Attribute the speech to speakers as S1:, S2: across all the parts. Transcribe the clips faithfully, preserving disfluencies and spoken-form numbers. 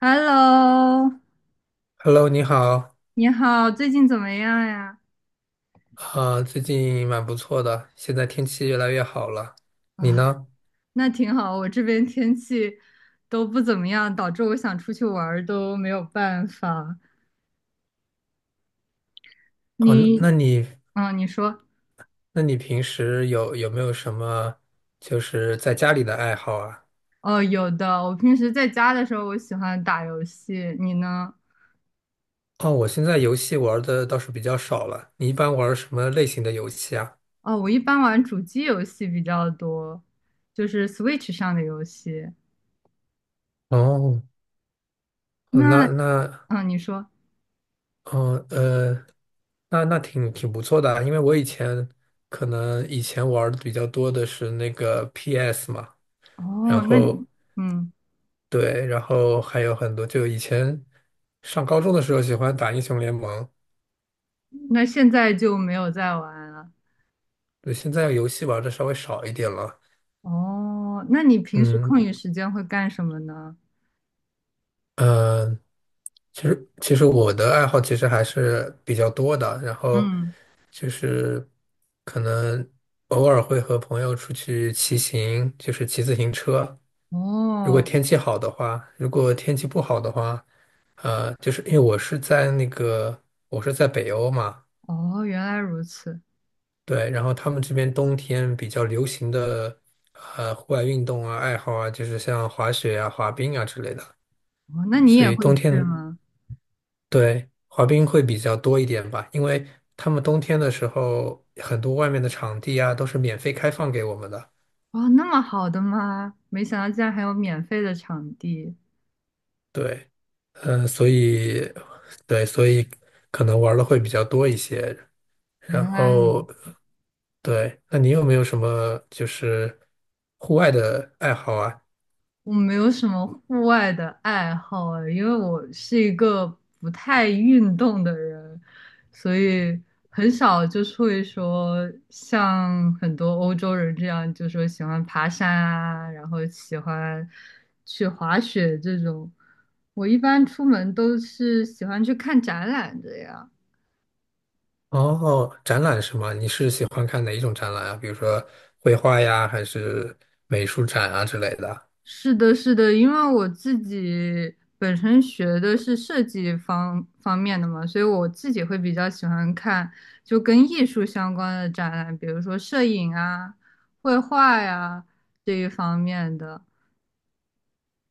S1: Hello，
S2: Hello,你好。
S1: 你好，最近怎么样呀？
S2: 啊、最近蛮不错的，现在天气越来越好了。你
S1: 啊，
S2: 呢？
S1: 那挺好，我这边天气都不怎么样，导致我想出去玩儿都没有办法。
S2: 哦，那
S1: 你，
S2: 那你
S1: 嗯，你说。
S2: 那你平时有有没有什么就是在家里的爱好啊？
S1: 哦，有的，我平时在家的时候，我喜欢打游戏，你呢？
S2: 哦，我现在游戏玩的倒是比较少了。你一般玩什么类型的游戏啊？
S1: 哦，我一般玩主机游戏比较多，就是 Switch 上的游戏。
S2: 哦，哦那
S1: 那，
S2: 那
S1: 嗯，你说。
S2: 哦呃，那那挺挺不错的啊，因为我以前可能以前玩的比较多的是那个 P S 嘛，然
S1: 哦，那，
S2: 后。
S1: 嗯，
S2: 对，然后还有很多，就以前上高中的时候喜欢打英雄联盟。
S1: 那现在就没有在玩了。
S2: 对，现在游戏玩的稍微少一点了。
S1: 哦，那你平时
S2: 嗯
S1: 空余时间会干什么呢？
S2: 嗯，呃其实其实我的爱好其实还是比较多的，然后
S1: 嗯。
S2: 就是可能偶尔会和朋友出去骑行，就是骑自行车。如果
S1: 哦。
S2: 天气好的话，如果天气不好的话，呃，就是因为我是在那个我是在北欧嘛。
S1: 哦，原来如此。
S2: 对，然后他们这边冬天比较流行的呃户外运动啊、爱好啊，就是像滑雪啊、滑冰啊之类的。
S1: 哦，那你
S2: 所
S1: 也
S2: 以
S1: 会
S2: 冬
S1: 去
S2: 天
S1: 吗？
S2: 对滑冰会比较多一点吧，因为他们冬天的时候，很多外面的场地啊都是免费开放给我们的。
S1: 哦，那么好的吗？没想到竟然还有免费的场地，
S2: 对，嗯、呃所以对，所以可能玩的会比较多一些。然
S1: 原来如
S2: 后
S1: 此。
S2: 对，那你有没有什么就是户外的爱好啊？
S1: 我没有什么户外的爱好啊，因为我是一个不太运动的人，所以很少就是会说像很多欧洲人这样，就说喜欢爬山啊，然后喜欢去滑雪这种。我一般出门都是喜欢去看展览的呀。
S2: 哦，展览是吗？你是喜欢看哪一种展览啊？比如说绘画呀，还是美术展啊之类的啊？
S1: 是的，是的，因为我自己本身学的是设计方方面的嘛，所以我自己会比较喜欢看就跟艺术相关的展览，比如说摄影啊、绘画呀、这一方面的。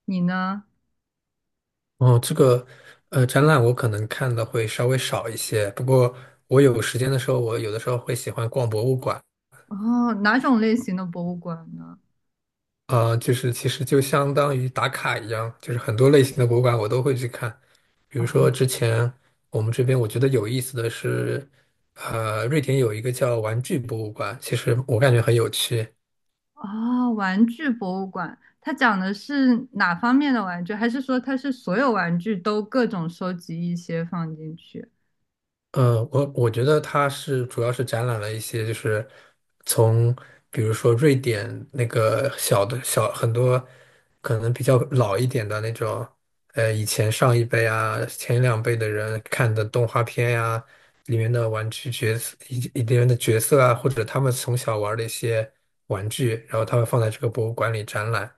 S1: 你呢？
S2: 哦，这个呃，展览我可能看的会稍微少一些，不过我有时间的时候，我有的时候会喜欢逛博物馆。
S1: 哦，哪种类型的博物馆呢？
S2: 啊，就是其实就相当于打卡一样，就是很多类型的博物馆我都会去看。比如说
S1: 哦
S2: 之前我们这边我觉得有意思的是，呃，瑞典有一个叫玩具博物馆，其实我感觉很有趣。
S1: 哦，玩具博物馆，它讲的是哪方面的玩具？还是说它是所有玩具都各种收集一些放进去？
S2: 嗯，我我觉得它是主要是展览了一些，就是从比如说瑞典那个小的小很多可能比较老一点的那种，呃，以前上一辈啊、前两辈的人看的动画片呀、里面的玩具角色、一里面的角色啊，或者他们从小玩的一些玩具，然后他们放在这个博物馆里展览。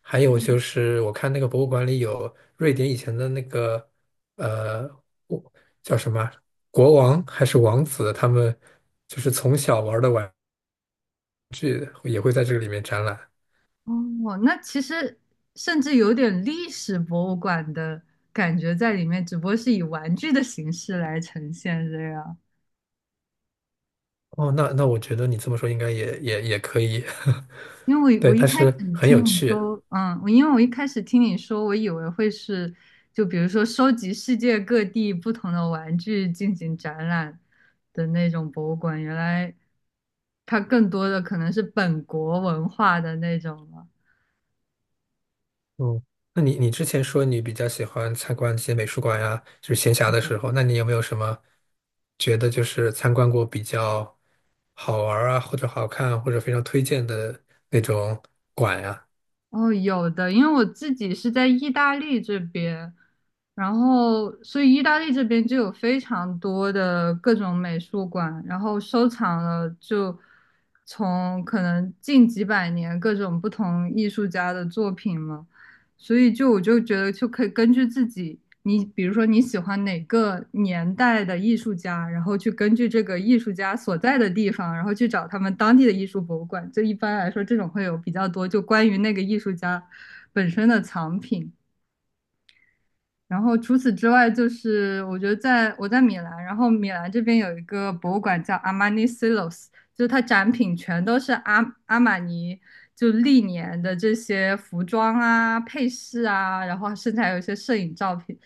S2: 还有就是，我看那个博物馆里有瑞典以前的那个呃。叫什么国王还是王子，他们就是从小玩的玩，也会在这个里面展览。
S1: 哦，那其实甚至有点历史博物馆的感觉在里面，只不过是以玩具的形式来呈现这样。
S2: 哦，那那我觉得你这么说应该也也也可以。
S1: 因为我我
S2: 对，
S1: 一
S2: 但
S1: 开
S2: 是
S1: 始
S2: 很有
S1: 听你
S2: 趣。
S1: 说，嗯，我因为我一开始听你说，我以为会是就比如说收集世界各地不同的玩具进行展览的那种博物馆，原来它更多的可能是本国文化的那种了。
S2: 嗯，那你你之前说你比较喜欢参观一些美术馆呀，就是闲暇的时候，那你有没有什么觉得就是参观过比较好玩儿啊，或者好看，或者非常推荐的那种馆呀？
S1: 哦，有的，因为我自己是在意大利这边，然后所以意大利这边就有非常多的各种美术馆，然后收藏了就从可能近几百年各种不同艺术家的作品嘛。所以就我就觉得就可以根据自己，你比如说你喜欢哪个年代的艺术家，然后去根据这个艺术家所在的地方，然后去找他们当地的艺术博物馆。就一般来说，这种会有比较多，就关于那个艺术家本身的藏品。然后除此之外，就是我觉得在我在米兰，然后米兰这边有一个博物馆叫 Armani Silos，就是它展品全都是阿阿玛尼就历年的这些服装啊、配饰啊，然后甚至还有一些摄影照片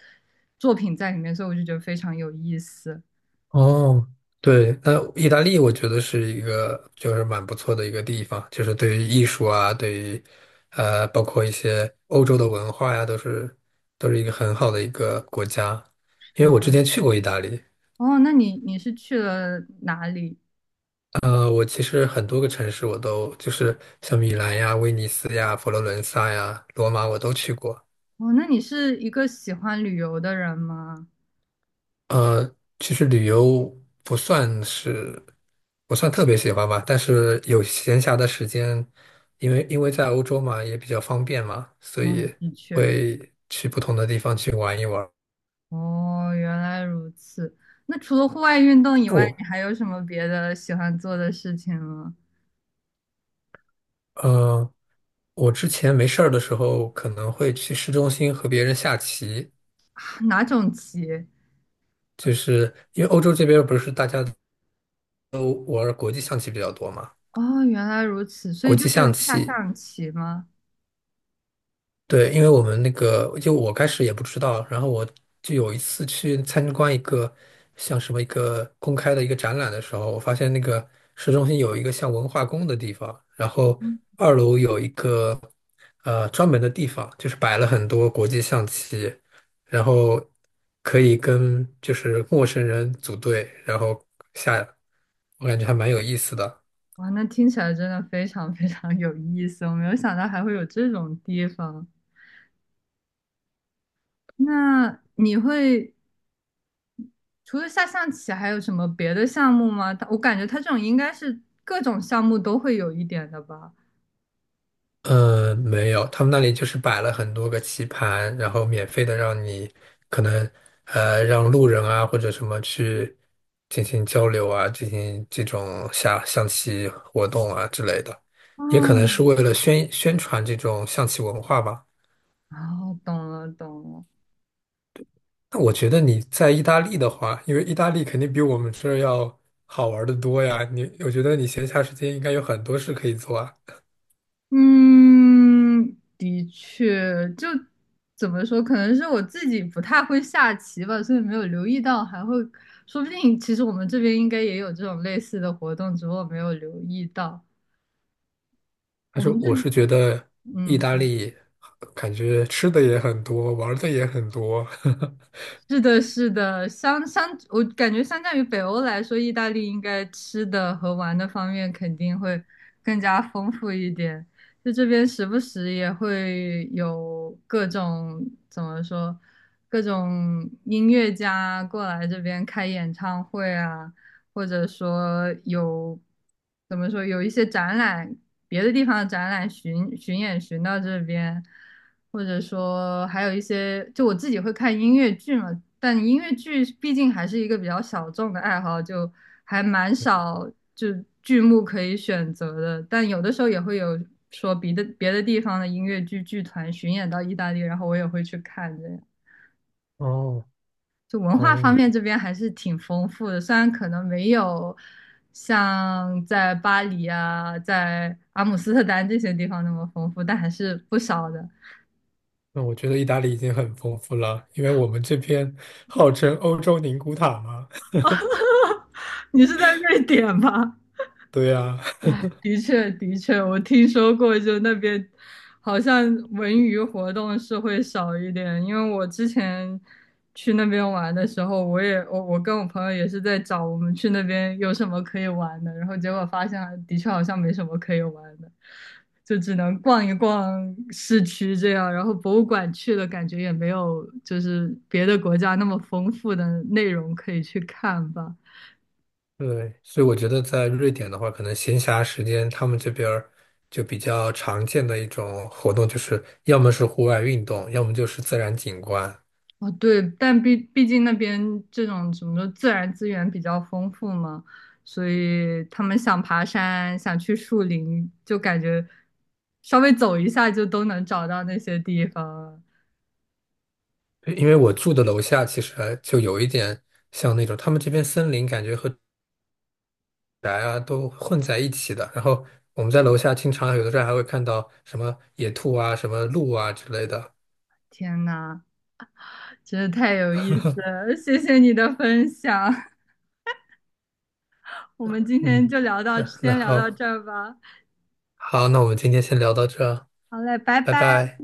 S1: 作品在里面，所以我就觉得非常有意思。
S2: 哦，对，那意大利我觉得是一个就是蛮不错的一个地方，就是对于艺术啊，对于呃，包括一些欧洲的文化呀，都是都是一个很好的一个国家。因
S1: 是
S2: 为我之
S1: 的。
S2: 前去过意大利。
S1: 哦，那你你是去了哪里？
S2: 呃，我其实很多个城市我都就是像米兰呀、威尼斯呀、佛罗伦萨呀、罗马我都去过。
S1: 哦，那你是一个喜欢旅游的人吗？
S2: 呃，其实旅游不算是不算特别喜欢吧，但是有闲暇的时间，因为因为在欧洲嘛，也比较方便嘛，所
S1: 哦，
S2: 以
S1: 的确。
S2: 会去不同的地方去玩一玩。
S1: 哦，原来如此。那除了户外运动以
S2: 那
S1: 外，
S2: 我
S1: 你还有什么别的喜欢做的事情吗？
S2: 呃，我之前没事儿的时候，可能会去市中心和别人下棋，
S1: 哪种棋？
S2: 就是因为欧洲这边不是大家都玩儿国际象棋比较多嘛。
S1: 哦，原来如此，所
S2: 国
S1: 以就
S2: 际象
S1: 是下
S2: 棋。
S1: 象棋吗？
S2: 对，因为我们那个，就我开始也不知道，然后我就有一次去参观一个像什么一个公开的一个展览的时候，我发现那个市中心有一个像文化宫的地方，然后
S1: 嗯，
S2: 二楼有一个呃专门的地方，就是摆了很多国际象棋，然后可以跟就是陌生人组队，然后下。我感觉还蛮有意思的。
S1: 哇，那听起来真的非常非常有意思，我没有想到还会有这种地方。那你会除了下象棋，还有什么别的项目吗？它我感觉它这种应该是各种项目都会有一点的吧。
S2: 嗯，没有，他们那里就是摆了很多个棋盘，然后免费的让你可能呃让路人啊或者什么去进行交流啊，进行这种下象棋活动啊之类的，也可能是
S1: 哦。
S2: 为了宣宣传这种象棋文化吧。
S1: 哦，懂了懂了。
S2: 那我觉得你在意大利的话，因为意大利肯定比我们这儿要好玩的多呀，你我觉得你闲暇时间应该有很多事可以做啊。
S1: 嗯，的确，就怎么说，可能是我自己不太会下棋吧，所以没有留意到，还会，说不定其实我们这边应该也有这种类似的活动，只不过我没有留意到。我
S2: 但是
S1: 们这，
S2: 我是觉得意
S1: 嗯。
S2: 大利感觉吃的也很多，玩儿的也很多。
S1: 是的，是的，相相，我感觉相较于北欧来说，意大利应该吃的和玩的方面肯定会更加丰富一点。就这边时不时也会有各种怎么说，各种音乐家过来这边开演唱会啊，或者说有怎么说有一些展览，别的地方的展览巡巡演巡到这边。或者说还有一些，就我自己会看音乐剧嘛，但音乐剧毕竟还是一个比较小众的爱好，就还蛮少就剧目可以选择的。但有的时候也会有说别的别的地方的音乐剧剧团巡演到意大利，然后我也会去看的。
S2: 哦
S1: 就文化方
S2: 哦，
S1: 面这边还是挺丰富的，虽然可能没有像在巴黎啊、在阿姆斯特丹这些地方那么丰富，但还是不少的。
S2: 那我觉得意大利已经很丰富了，因为我们这边号称欧洲宁古塔嘛。
S1: 你是在瑞典吗？
S2: 对呀。
S1: 的确，的确，我听说过，就那边好像文娱活动是会少一点，因为我之前去那边玩的时候，我也我我跟我朋友也是在找我们去那边有什么可以玩的，然后结果发现的确好像没什么可以玩的，就只能逛一逛市区这样，然后博物馆去了，感觉也没有就是别的国家那么丰富的内容可以去看吧。
S2: 对，所以我觉得在瑞典的话，可能闲暇时间他们这边儿就比较常见的一种活动，就是要么是户外运动，要么就是自然景观。
S1: 哦，对，但毕毕竟那边这种什么自然资源比较丰富嘛，所以他们想爬山，想去树林，就感觉稍微走一下就都能找到那些地方了。
S2: 对，因为我住的楼下其实还就有一点像那种他们这边森林，感觉和宅啊都混在一起的。然后我们在楼下经常有的时候还会看到什么野兔啊、什么鹿啊之类的。
S1: 天呐，真的太有意思了，谢谢你的分享，我们今
S2: 嗯，
S1: 天就聊到，
S2: 那那
S1: 先聊
S2: 好，
S1: 到这儿吧。
S2: 好，那我们今天先聊到这儿。
S1: 好嘞，拜
S2: 拜
S1: 拜。
S2: 拜。